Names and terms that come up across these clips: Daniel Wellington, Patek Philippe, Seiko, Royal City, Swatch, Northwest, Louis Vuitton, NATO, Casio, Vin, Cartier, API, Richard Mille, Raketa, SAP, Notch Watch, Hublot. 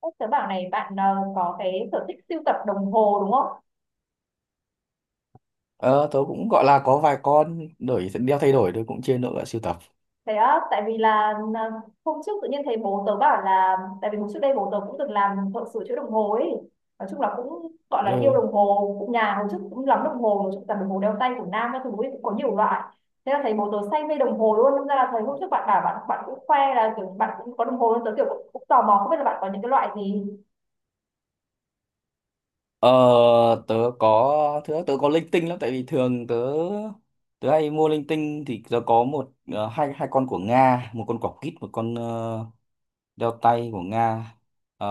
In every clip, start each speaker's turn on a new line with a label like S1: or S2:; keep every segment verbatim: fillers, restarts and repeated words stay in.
S1: Ơ, Tớ bảo này bạn ờ, có cái sở thích sưu tập đồng hồ đúng không?
S2: Ờ, Tớ cũng gọi là có vài con, đổi đeo thay đổi, tôi cũng chia nữa sưu tập.
S1: Thế á, tại vì là ờ, hôm trước tự nhiên thấy bố tớ bảo là tại vì hôm trước đây bố tớ cũng từng làm thợ sửa chữa đồng hồ ấy. Nói chung là cũng gọi là yêu
S2: Ừ.
S1: đồng hồ, cũng nhà hồi trước cũng lắm đồng hồ, nói chung là đồng hồ đeo tay của nam các thứ ấy cũng có nhiều loại. Thế là thấy bố tớ say mê đồng hồ luôn, nên ra là thấy hôm trước bạn bảo bạn bạn cũng khoe là kiểu bạn cũng có đồng hồ luôn, tớ kiểu cũng, cũng tò mò không biết là bạn có những cái loại gì.
S2: ờ, tớ có thứ tớ có linh tinh lắm, tại vì thường tớ tớ hay mua linh tinh, thì tớ có một, ờ, hai hai con của Nga, một con quả quýt, một con ờ, đeo tay của Nga, ờ,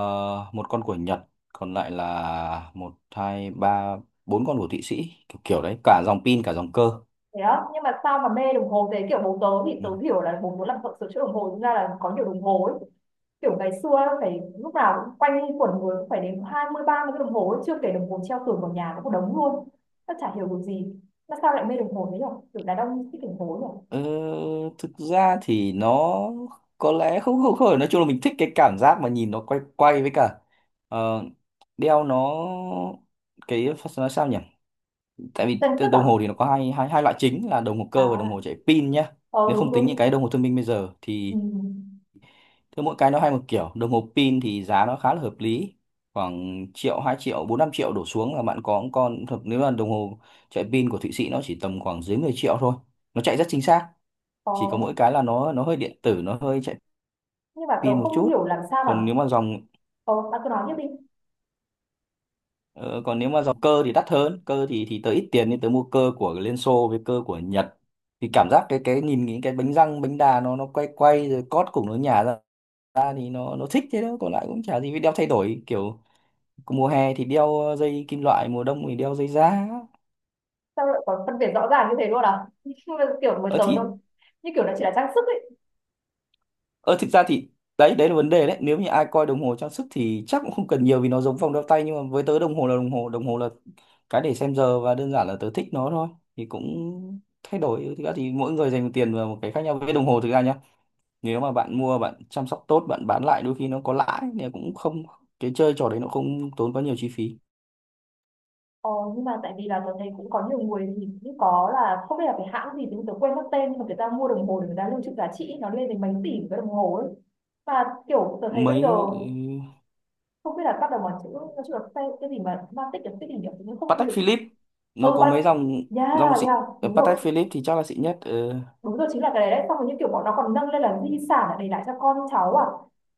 S2: một con của Nhật, còn lại là một, hai, ba, bốn con của Thụy Sĩ, kiểu kiểu đấy, cả dòng pin cả dòng cơ.
S1: Thế đó, nhưng mà sao mà mê đồng hồ thế kiểu bố tớ thì
S2: Ừ.
S1: tớ hiểu là bố muốn làm thợ sửa chữa đồng hồ, nên ra là có nhiều đồng hồ ấy kiểu ngày xưa phải lúc nào cũng quanh quẩn người cũng phải đến hai mươi ba mươi cái đồng hồ ấy, chưa kể đồng hồ treo tường vào nhà cũng một đống luôn. Nó chả hiểu được gì, nó sao lại mê đồng hồ thế nhở, kiểu đàn ông thích đồng hồ nhở.
S2: Ờ, Thực ra thì nó có lẽ không không không, nói chung là mình thích cái cảm giác mà nhìn nó quay quay, với cả, ờ, đeo nó, cái nó sao nhỉ. Tại
S1: Vẫn
S2: vì
S1: trang
S2: t-
S1: sức à?
S2: đồng hồ thì nó có hai hai hai loại chính, là đồng hồ cơ và đồng hồ
S1: À,
S2: chạy pin nhá.
S1: ờ
S2: Nếu không
S1: đúng
S2: tính những
S1: đúng.
S2: cái đồng hồ thông minh bây giờ thì
S1: Ừ.
S2: cứ mỗi cái nó hay một kiểu. Đồng hồ pin thì giá nó khá là hợp lý, khoảng triệu hai, triệu bốn, năm triệu đổ xuống là bạn có một con thật. Nếu là đồng hồ chạy pin của Thụy Sĩ, nó chỉ tầm khoảng dưới mười triệu thôi, nó chạy rất chính xác.
S1: Ờ.
S2: Chỉ có mỗi cái là nó nó hơi điện tử, nó hơi chạy
S1: Nhưng mà
S2: pin
S1: tớ
S2: một
S1: không
S2: chút.
S1: hiểu làm sao mà.
S2: còn nếu mà dòng
S1: Ờ bạn cứ nói tiếp đi.
S2: ờ, Còn nếu mà dòng cơ thì đắt hơn. Cơ thì thì tớ ít tiền nên tớ mua cơ của Liên Xô với cơ của Nhật, thì cảm giác cái cái nhìn những cái bánh răng, bánh đà nó nó quay quay rồi cót cùng nó nhả ra ra thì nó nó thích thế đó. Còn lại cũng chả gì, vì đeo thay đổi kiểu, mùa hè thì đeo dây kim loại, mùa đông thì đeo dây da.
S1: Sao lại có phân biệt rõ ràng như thế luôn à? Nhưng mà kiểu với
S2: Ờ
S1: tớ
S2: thì
S1: nó như kiểu nó chỉ là trang sức ấy.
S2: Ờ Thực ra thì đấy đấy là vấn đề đấy. Nếu như ai coi đồng hồ trang sức thì chắc cũng không cần nhiều, vì nó giống vòng đeo tay. Nhưng mà với tớ, đồng hồ là đồng hồ, đồng hồ là cái để xem giờ, và đơn giản là tớ thích nó thôi, thì cũng thay đổi. Thực ra thì mỗi người dành tiền vào một cái khác nhau. Với đồng hồ thực ra nhá, nếu mà bạn mua, bạn chăm sóc tốt, bạn bán lại đôi khi nó có lãi, thì cũng không, cái chơi trò đấy nó không tốn quá nhiều chi phí.
S1: Ờ, nhưng mà tại vì là tớ thấy cũng có nhiều người thì cũng có là không biết là cái hãng gì thì tớ quên mất tên mà người ta mua đồng hồ để người ta lưu trữ giá trị nó lên đến mấy tỷ cái đồng hồ ấy, và kiểu tớ thấy bây
S2: Mấy,
S1: giờ
S2: ừ,
S1: không biết là bắt đầu bằng chữ nó chữ là cái, cái gì mà ma tích là tích hình kiểu cũng không
S2: Patek
S1: được.
S2: Philippe nó
S1: Ừ
S2: có
S1: bạn.
S2: mấy dòng,
S1: Yeah.
S2: dòng xịn.
S1: Yeah
S2: Ờ,
S1: đúng
S2: Patek
S1: rồi,
S2: Philippe thì chắc là xịn nhất. ờ
S1: đúng rồi, chính là cái đấy đấy, xong rồi như kiểu bọn nó còn nâng lên là di sản là để lại cho con cháu à,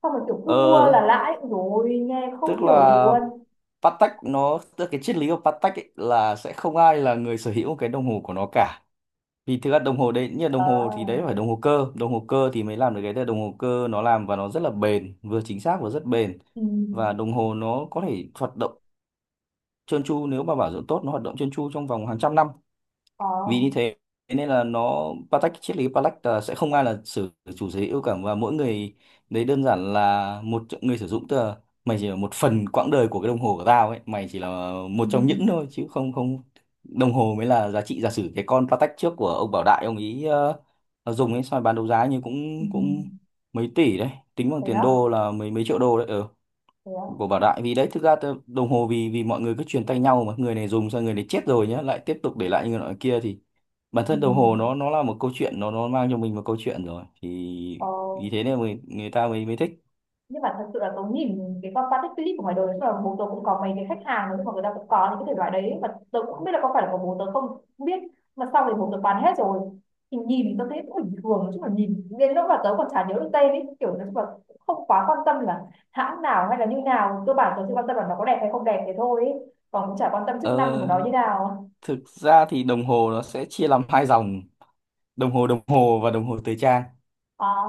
S1: xong rồi kiểu cứ
S2: Ờ,
S1: mua là lãi rồi, nghe không
S2: Tức
S1: hiểu gì
S2: là
S1: luôn.
S2: Patek nó, tức là cái triết lý của Patek ấy, là sẽ không ai là người sở hữu cái đồng hồ của nó cả. Vì thực ra đồng hồ đấy, như là
S1: Ờ.
S2: đồng hồ thì đấy phải đồng hồ cơ, đồng hồ cơ thì mới làm được cái đấy. Đồng hồ cơ nó làm và nó rất là bền, vừa chính xác và rất bền,
S1: Ừ.
S2: và đồng hồ nó có thể hoạt động trơn tru, nếu mà bảo dưỡng tốt nó hoạt động trơn tru trong vòng hàng trăm năm.
S1: Ờ.
S2: Vì như thế nên là nó, Patek, triết lý Patek là sẽ không ai là sử, chủ sở hữu cả, và mỗi người đấy đơn giản là một người sử dụng, tức là mày chỉ là một phần quãng đời của cái đồng hồ của tao ấy, mày chỉ là một
S1: Ừ.
S2: trong những thôi, chứ không, không đồng hồ mới là giá trị. Giả sử cái con Patek trước của ông Bảo Đại ông ý ờ, dùng ấy, xong rồi bán đấu giá như
S1: Ừ.
S2: cũng cũng mấy tỷ đấy, tính bằng
S1: Thế
S2: tiền
S1: á?
S2: đô là mấy, mấy triệu đô đấy. Ừ.
S1: Thế á?
S2: Của Bảo Đại, vì đấy thực ra tớ- đồng hồ, vì vì mọi người cứ truyền tay nhau, mà người này dùng xong, người này chết rồi nhá, lại tiếp tục để lại như người nọ kia, thì bản
S1: Ừ.
S2: thân đồng hồ nó nó là một câu chuyện, nó nó mang cho mình một câu chuyện rồi, thì
S1: Ờ,
S2: vì thế nên người người ta mới mới thích.
S1: nhưng mà thật sự là tớ nhìn cái con Patek Philippe của ngoài đời, tức là bố tớ cũng có mấy cái khách hàng nhưng mà người ta cũng có những cái thể loại đấy mà tớ cũng không biết là có phải là của bố tớ không, không biết, mà sau thì bố tớ bán hết rồi, thì nhìn tớ thấy cũng bình thường chứ mà nhìn đến lúc mà tớ còn chả nhớ được tên ấy, kiểu nói chung là cũng không quá quan tâm là hãng nào hay là như nào, cơ bản tớ chỉ quan tâm là nó có đẹp hay không đẹp thế thôi ấy. Còn cũng chả quan tâm chức năng của nó
S2: ờ,
S1: như nào.
S2: Thực ra thì đồng hồ nó sẽ chia làm hai dòng, đồng hồ đồng hồ và đồng hồ thời trang.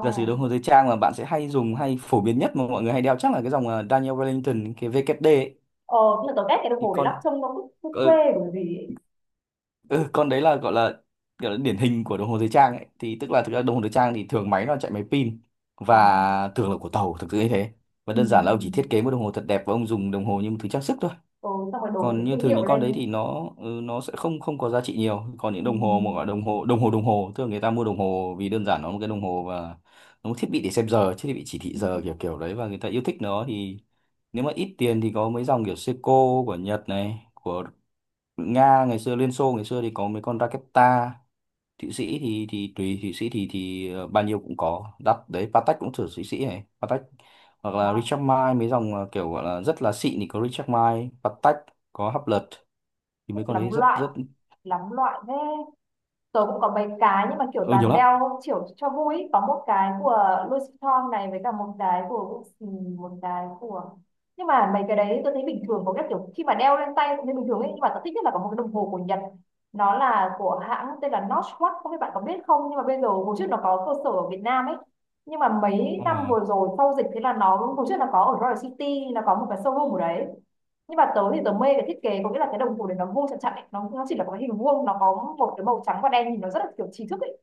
S2: Giả sử đồng hồ thời trang mà bạn sẽ hay dùng, hay phổ biến nhất mà mọi người hay đeo, chắc là cái dòng ờ, Daniel Wellington, cái vê ca đê ấy.
S1: Ờ nhưng mà tớ ghét cái đồng
S2: Thì
S1: hồ đấy lắm,
S2: con
S1: trông nó cứ, cứ quê
S2: ờ,
S1: bởi vì ấy.
S2: ừ, Con đấy là, gọi là gọi là điển hình của đồng hồ thời trang ấy. Thì tức là thực ra đồng hồ thời trang thì thường máy nó chạy máy pin,
S1: À.
S2: và thường là của tàu thực sự như thế. Và
S1: Ừ.
S2: đơn
S1: Ừ.
S2: giản là ông chỉ thiết kế một đồng hồ thật đẹp, và ông dùng đồng hồ như một thứ trang sức thôi.
S1: Ừ, xong rồi đổi
S2: Còn
S1: cái
S2: như
S1: thương
S2: thường
S1: hiệu
S2: những con đấy
S1: lên.
S2: thì nó ừ, nó sẽ không không có giá trị nhiều. Còn những
S1: Ừ.
S2: đồng hồ mà gọi là đồng hồ, đồng hồ đồng hồ thường, người ta mua đồng hồ vì đơn giản nó là một cái đồng hồ, và nó một thiết bị để xem giờ, thiết bị chỉ thị
S1: Ừ,
S2: giờ
S1: ừ.
S2: kiểu kiểu đấy, và người ta yêu thích nó thì, nếu mà ít tiền thì có mấy dòng kiểu Seiko của Nhật này, của Nga ngày xưa, Liên Xô ngày xưa thì có mấy con Raketa. Thụy Sĩ thì thì tùy, Thụy Sĩ thì thì ờ, bao nhiêu cũng có, đắt đấy, Patek cũng thử, Thụy Sĩ này, Patek hoặc là
S1: Đó.
S2: Richard Mille, mấy dòng ờ, kiểu gọi là rất là xịn thì có Richard Mille, Patek, có Hublot, thì
S1: Thích
S2: mấy con
S1: lắm
S2: đấy rất
S1: loại,
S2: rất,
S1: lắm loại thế. Tôi cũng có mấy cái nhưng mà kiểu
S2: ừ, nhiều
S1: toàn
S2: lắm.
S1: đeo kiểu cho vui ý. Có một cái của Louis Vuitton này với cả một cái của ừ, một cái của, nhưng mà mấy cái đấy tôi thấy bình thường, có cái kiểu khi mà đeo lên tay cũng thấy bình thường ấy, nhưng mà tôi thích nhất là có một cái đồng hồ của Nhật, nó là của hãng tên là Notch Watch, không biết bạn có biết không, nhưng mà bây giờ hồi trước nó có cơ sở ở Việt Nam ấy, nhưng mà mấy
S2: Ờ.
S1: năm vừa rồi sau dịch thế là nó hồi trước là có ở Royal City là có một cái showroom ở đấy. Nhưng mà tớ thì tớ mê cái thiết kế, có nghĩa là cái đồng hồ đấy nó vuông chặt chặt ấy. Nó, nó chỉ là một cái hình vuông, nó có một cái màu trắng và đen, nhìn nó rất là kiểu trí thức ấy,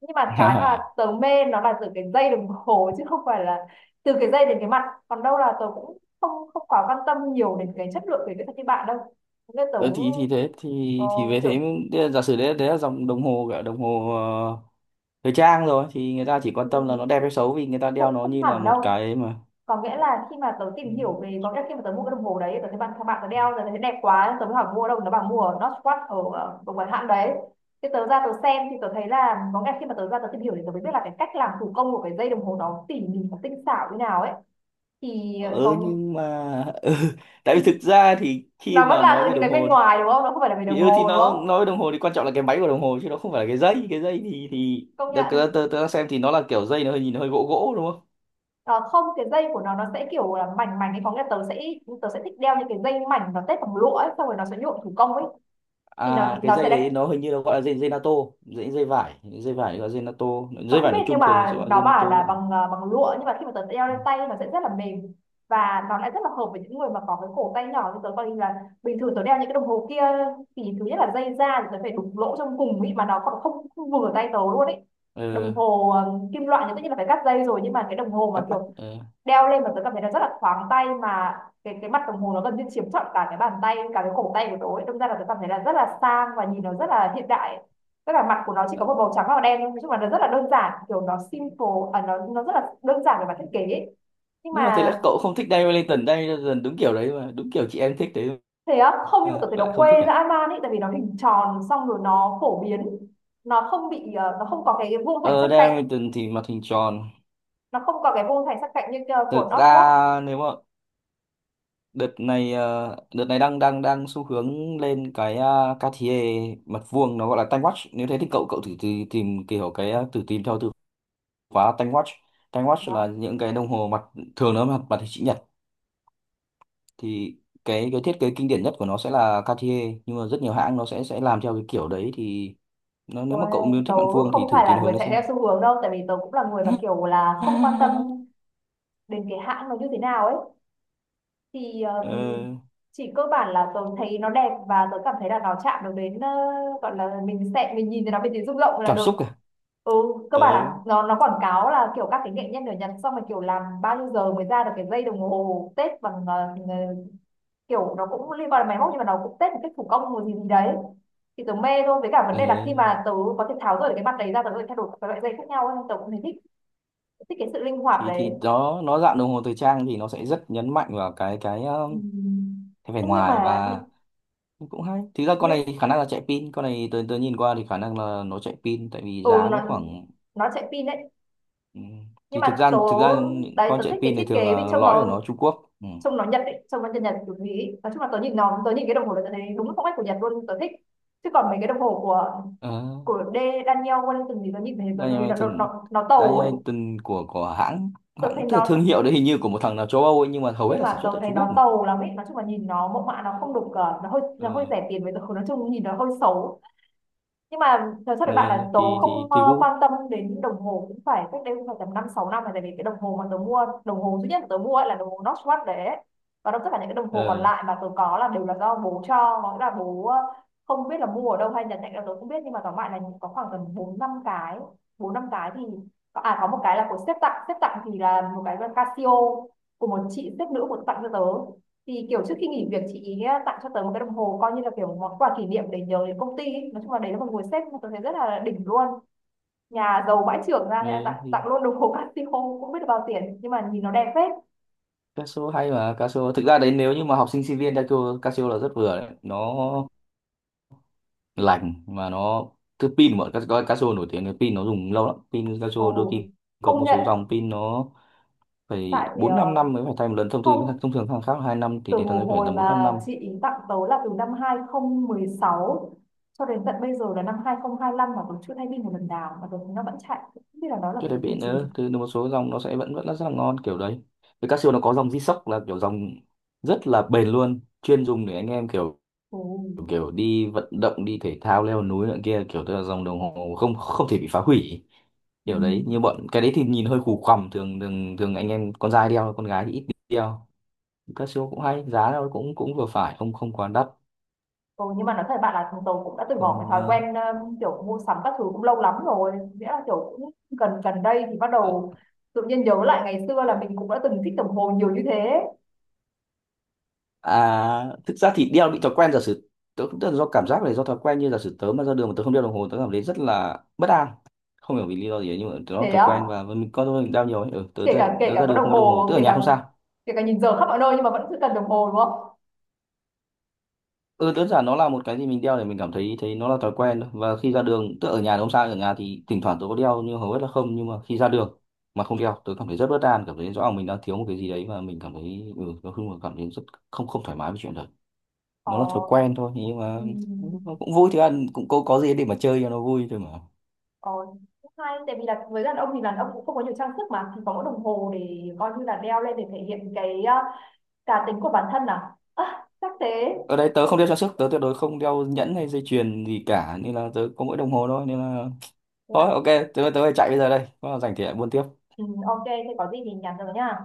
S1: nhưng mà cái mà tớ mê nó là từ cái dây đồng hồ chứ không phải là từ cái dây đến cái mặt. Còn đâu là tớ cũng không không quá quan tâm nhiều đến cái chất lượng về kỹ thuật như bạn đâu, nên tớ
S2: Đấy thì thì thế, thì
S1: ờ,
S2: thì về thế,
S1: kiểu
S2: đấy là giả sử đấy đấy là dòng đồng hồ, gọi là đồng hồ ờ, thời trang rồi, thì người ta chỉ
S1: ừ,
S2: quan tâm là nó đẹp hay xấu, vì người ta đeo
S1: cũng
S2: nó
S1: không
S2: như là
S1: hẳn
S2: một
S1: đâu,
S2: cái mà.
S1: có nghĩa là khi mà tớ tìm hiểu về, có nghĩa là khi mà tớ mua cái đồng hồ đấy, tớ thấy bạn các bạn tớ đeo rồi tớ thấy đẹp quá, tớ mới hỏi mua ở đâu, nó bảo mua ở Northwest ở ở một cái hãng đấy, thì tớ ra tớ xem thì tớ thấy là, có nghĩa là khi mà tớ ra tớ tìm hiểu thì tớ mới biết là cái cách làm thủ công của cái dây đồng hồ đó tỉ mỉ và tinh xảo như nào ấy, thì
S2: Ừ,
S1: có.
S2: nhưng mà ừ, tại vì thực ra thì khi
S1: Nó vẫn
S2: mà
S1: là
S2: nói
S1: từ
S2: về
S1: những
S2: đồng
S1: cái bên
S2: hồ
S1: ngoài đúng không, nó không phải là về
S2: thì
S1: đồng
S2: ừ, thì
S1: hồ đúng
S2: nó nói
S1: không.
S2: về đồng hồ thì quan trọng là cái máy của đồng hồ, chứ nó không phải là cái dây. Cái dây thì thì
S1: Công
S2: tớ,
S1: nhận.
S2: tớ, tớ tớ đang xem thì nó là kiểu, dây nó hơi nhìn hơi gỗ gỗ đúng không.
S1: Ờ, không, cái dây của nó nó sẽ kiểu là mảnh mảnh ấy, có nghĩa là tớ sẽ tớ sẽ thích đeo những cái dây mảnh nó tết bằng lụa ấy, xong rồi nó sẽ nhuộm thủ công ấy, thì nó
S2: À, cái
S1: nó sẽ
S2: dây
S1: là,
S2: đấy nó hình như nó gọi là dây dây NATO, dây dây vải dây vải gọi là dây NATO,
S1: tớ
S2: dây
S1: không
S2: vải
S1: biết
S2: nói
S1: nhưng
S2: chung thường
S1: mà
S2: sẽ gọi là
S1: nó
S2: dây NATO.
S1: bảo là bằng ờ, bằng lụa, nhưng mà khi mà tớ đeo
S2: Ừ.
S1: lên tay nó sẽ rất là mềm và nó lại rất là hợp với những người mà có cái cổ tay nhỏ như tớ, coi như là bình thường tớ đeo những cái đồng hồ kia thì thứ nhất là dây da thì tớ phải đục lỗ trong cùng ý mà nó còn không, không vừa tay tớ luôn ấy.
S2: ờ,
S1: Đồng hồ ờ, kim loại thì tất nhiên là phải cắt dây rồi, nhưng mà cái đồng hồ mà
S2: Cắt mắt.
S1: kiểu
S2: ờ.
S1: đeo lên mà tớ cảm thấy nó rất là thoáng tay mà cái cái mặt đồng hồ nó gần như chiếm trọn cả cái bàn tay, cả cái cổ tay của tớ ấy. Đâm ra là tớ cảm thấy là rất là sang và nhìn nó rất là hiện đại ấy, tức là mặt của nó chỉ có một màu trắng và màu đen thôi, nói chung là nó rất là đơn giản kiểu nó simple. À, nó nó rất là đơn giản về mặt thiết kế ấy. Nhưng
S2: Nhưng mà thế
S1: mà
S2: là cậu không thích Diane Wellington? Diane Wellington đúng kiểu đấy mà, đúng kiểu chị em thích đấy
S1: thế á, không, nhưng mà
S2: mà
S1: tôi thấy
S2: cậu
S1: nó
S2: lại không thích
S1: quê ra
S2: à?
S1: Aman ấy, tại vì nó hình tròn xong rồi nó phổ biến, nó không bị ờ, nó không có cái cái vuông thành
S2: ờ
S1: sắc
S2: Diane
S1: cạnh,
S2: Wellington thì mặt hình tròn.
S1: nó không có cái vuông thành sắc cạnh như ờ, của
S2: Thực
S1: North Rock
S2: ra nếu mà đợt này ờ, đợt này đang đang đang xu hướng lên cái uh, Cartier, mặt vuông nó gọi là time watch. Nếu thế thì cậu cậu thử, thử tìm kiểu cái ờ, thử tìm theo từ khóa time watch. Time watch là
S1: đó.
S2: những cái đồng hồ mặt, thường nó mặt mặt hình chữ nhật, thì cái cái thiết kế kinh điển nhất của nó sẽ là Cartier, nhưng mà rất nhiều hãng nó sẽ sẽ làm theo cái kiểu đấy. Thì nó, nếu mà
S1: Ôi,
S2: cậu muốn
S1: tớ
S2: thích mặt vuông thì
S1: không
S2: thử
S1: phải
S2: tìm
S1: là
S2: hướng
S1: người
S2: đấy
S1: chạy theo
S2: xem.
S1: xu hướng đâu, tại vì tớ cũng là người mà kiểu là không quan tâm đến cái hãng nó như thế nào ấy, thì
S2: Ờ,
S1: um, chỉ cơ bản là tôi thấy nó đẹp và tôi cảm thấy là nó chạm được đến ờ, gọi là mình sẽ mình nhìn thấy nó mình thấy rung động là
S2: Cảm
S1: được.
S2: xúc à?
S1: Ừ, cơ
S2: Ờ,
S1: bản là nó nó quảng cáo là kiểu các cái nghệ nhân ở Nhật, xong rồi kiểu làm bao nhiêu giờ mới ra được cái dây đồng hồ tết bằng ờ, ờ, kiểu nó cũng liên quan đến máy móc nhưng mà nó cũng tết một cách thủ công một gì gì đấy, thì tớ mê thôi, với cả vấn
S2: ờ.
S1: đề là khi mà tớ có thể tháo rời cái mặt đấy ra, tớ có thể thay đổi các loại dây khác nhau ấy. Tớ cũng thấy thích, thích cái sự linh hoạt
S2: thì thì
S1: đấy.
S2: đó, nó dạng đồng hồ thời trang thì nó sẽ rất nhấn mạnh vào cái cái um,
S1: Ừm.
S2: cái vẻ
S1: Nhưng
S2: ngoài
S1: mà,
S2: và, cũng hay. Thực ra con này
S1: nhưng
S2: thì khả năng là chạy pin, con này tôi tôi nhìn qua thì khả năng là nó chạy pin, tại vì
S1: ừ
S2: giá nó
S1: nó
S2: khoảng.
S1: nó chạy pin đấy,
S2: Ừ.
S1: nhưng
S2: Thì thực
S1: mà
S2: ra
S1: tớ.
S2: thực ra những
S1: Đấy
S2: con
S1: tớ
S2: chạy
S1: thích cái
S2: pin này
S1: thiết
S2: thường
S1: kế vì
S2: là
S1: trông
S2: lõi của
S1: nó,
S2: nó Trung Quốc. Ừ.
S1: trông nó nhật ấy, trông nó nhật nhật kiểu ý, nói chung là tớ nhìn nó tớ nhìn cái đồng hồ là tớ thấy đúng phong cách của Nhật luôn, tớ thích, chứ còn mấy cái đồng hồ của
S2: ờ,
S1: của D Daniel Wellington thì tớ nhìn thấy tớ thấy nó,
S2: Dynamite,
S1: nó, nó, nó tàu ấy.
S2: Dynamite của của hãng,
S1: Tớ
S2: hãng
S1: thấy
S2: tức là thương
S1: nó
S2: hiệu đấy hình như của một thằng nào châu Âu ấy, nhưng mà hầu hết
S1: Nhưng
S2: là sản
S1: mà tớ
S2: xuất tại
S1: thấy
S2: Trung Quốc
S1: nó
S2: mà.
S1: tàu lắm ấy, nói chung là nhìn nó mẫu mã nó không được, ờ, nó hơi, nó hơi
S2: ờ,
S1: rẻ tiền, với tớ nói chung nhìn nó hơi xấu. Nhưng mà thật sự
S2: ờ,
S1: với bạn là tớ
S2: thì
S1: không
S2: thì
S1: ờ,
S2: Tegu.
S1: quan tâm đến đồng hồ cũng phải cách đây cũng phải tầm năm sáu năm rồi, tại vì cái đồng hồ mà tớ mua, đồng hồ duy nhất mà tớ mua ấy là đồng hồ Swatch đấy ấy. Và đó tất cả những cái đồng hồ còn
S2: ờ,
S1: lại mà tớ có là đều là do bố cho, có nghĩa là bố ờ, không biết là mua ở đâu hay nhận tặng là tớ không biết, nhưng mà tóm lại là có khoảng tầm bốn năm cái, bốn năm cái thì có- à có một cái là của sếp tặng, sếp tặng thì là một cái là Casio, của một chị sếp nữ của tặng cho tớ, thì kiểu trước khi nghỉ việc chị ý tặng cho tớ một cái đồng hồ coi như là kiểu món quà kỷ niệm để nhớ đến công ty ý. Nói chung là đấy là một người sếp mà tớ thấy rất là đỉnh luôn, nhà giàu bãi trưởng ra nên là
S2: ờ,
S1: tặng
S2: thì
S1: tặng luôn đồng hồ Casio cũng biết được bao tiền nhưng mà nhìn nó đẹp phết.
S2: Casio hay mà. Casio thực ra đấy, nếu như mà học sinh sinh viên, Casio Casio là rất vừa đấy, nó lành mà, nó thứ pin bọn Casio, Casio nổi tiếng là pin nó dùng lâu lắm. Pin Casio đôi
S1: Ồ.
S2: khi có
S1: Công
S2: một
S1: nhận.
S2: số dòng pin nó phải
S1: tại
S2: bốn, năm
S1: ờ,
S2: năm mới phải thay một lần, thông thường.
S1: không
S2: Thông thường hàng khác là hai năm, thì
S1: từ
S2: đến thằng ấy phải
S1: hồi
S2: tầm bốn, năm
S1: mà
S2: năm.
S1: chị ý tặng tớ là từ năm hai không một sáu cho đến tận bây giờ là năm hai không hai lăm mà tớ chưa thay pin một lần nào mà tớ thấy nó vẫn chạy, không biết là nó là
S2: Trước
S1: cái
S2: đấy
S1: kiểu
S2: pin
S1: gì.
S2: nữa thì một số dòng nó sẽ vẫn vẫn là rất là ngon kiểu đấy. Với Casio nó có dòng G-Shock, là kiểu dòng rất là bền luôn, chuyên dùng để anh em kiểu,
S1: Ồ.
S2: kiểu, kiểu đi vận động, đi thể thao, leo núi nữa kia, kiểu tức là dòng đồng hồ không không thể bị phá hủy
S1: Ừ.
S2: kiểu đấy. Như bọn cái đấy thì nhìn hơi củ quằm, thường, thường thường anh em con trai đeo, con gái thì ít đeo, các siêu cũng hay, giá nó cũng cũng vừa phải, không không quá đắt.
S1: Ừ, nhưng mà nói thật bạn là chúng tôi cũng đã từ bỏ cái
S2: Còn
S1: thói
S2: ờ,
S1: quen um, kiểu mua sắm các thứ cũng lâu lắm rồi, nghĩa là kiểu cũng gần gần đây thì bắt đầu tự nhiên nhớ lại ngày xưa là mình cũng đã từng thích đồng hồ nhiều như thế.
S2: à thực ra thì đeo bị thói quen, giả sử tớ cũng, tức là do cảm giác này, do thói quen. Như giả sử tớ mà ra đường mà tớ không đeo đồng hồ, tớ cảm thấy rất là bất an, không hiểu vì lý do gì ấy, nhưng mà tớ
S1: Thế
S2: thói
S1: á?
S2: quen và mình có thôi, mình đeo nhiều ấy. ừ, tớ
S1: Kể
S2: ra,
S1: cả kể
S2: tớ
S1: cả
S2: ra,
S1: có
S2: đường
S1: đồng
S2: không có đồng hồ,
S1: hồ,
S2: tớ ở
S1: kể
S2: nhà
S1: cả
S2: không sao.
S1: kể cả nhìn giờ khắp mọi nơi nhưng mà vẫn cứ cần đồng hồ đúng không.
S2: Ừ, đơn giản nó là một cái gì mình đeo để mình cảm thấy, thấy nó là thói quen thôi. Và khi ra đường, tức ở nhà thì không sao, ở nhà thì thỉnh thoảng tôi có đeo nhưng hầu hết là không. Nhưng mà khi ra đường mà không đeo, tôi cảm thấy rất bất an, cảm thấy rõ ràng mình đang thiếu một cái gì đấy, và mình cảm thấy, ừ, nói chung là cảm thấy rất không không thoải mái với chuyện đấy.
S1: Ờ.
S2: Nó là thói quen thôi, nhưng mà nó
S1: Ừm.
S2: cũng vui, thì ăn cũng có, có gì để mà chơi cho nó vui thôi mà.
S1: Ờ cũng hay, tại vì là với đàn ông thì đàn ông cũng không có nhiều trang sức mà, thì có mỗi đồng hồ để coi như là đeo lên để thể hiện cái uh, cá tính của bản thân, à à chắc thế.
S2: Ở đây tớ không đeo trang sức, tớ tuyệt đối không đeo nhẫn hay dây chuyền gì cả, nên là tớ có mỗi đồng hồ thôi, nên là
S1: Thế là,
S2: thôi ok, tớ tớ phải chạy bây giờ đây, có là rảnh thì lại buôn tiếp.
S1: ừ, ok thế có gì thì nhắn rồi nha.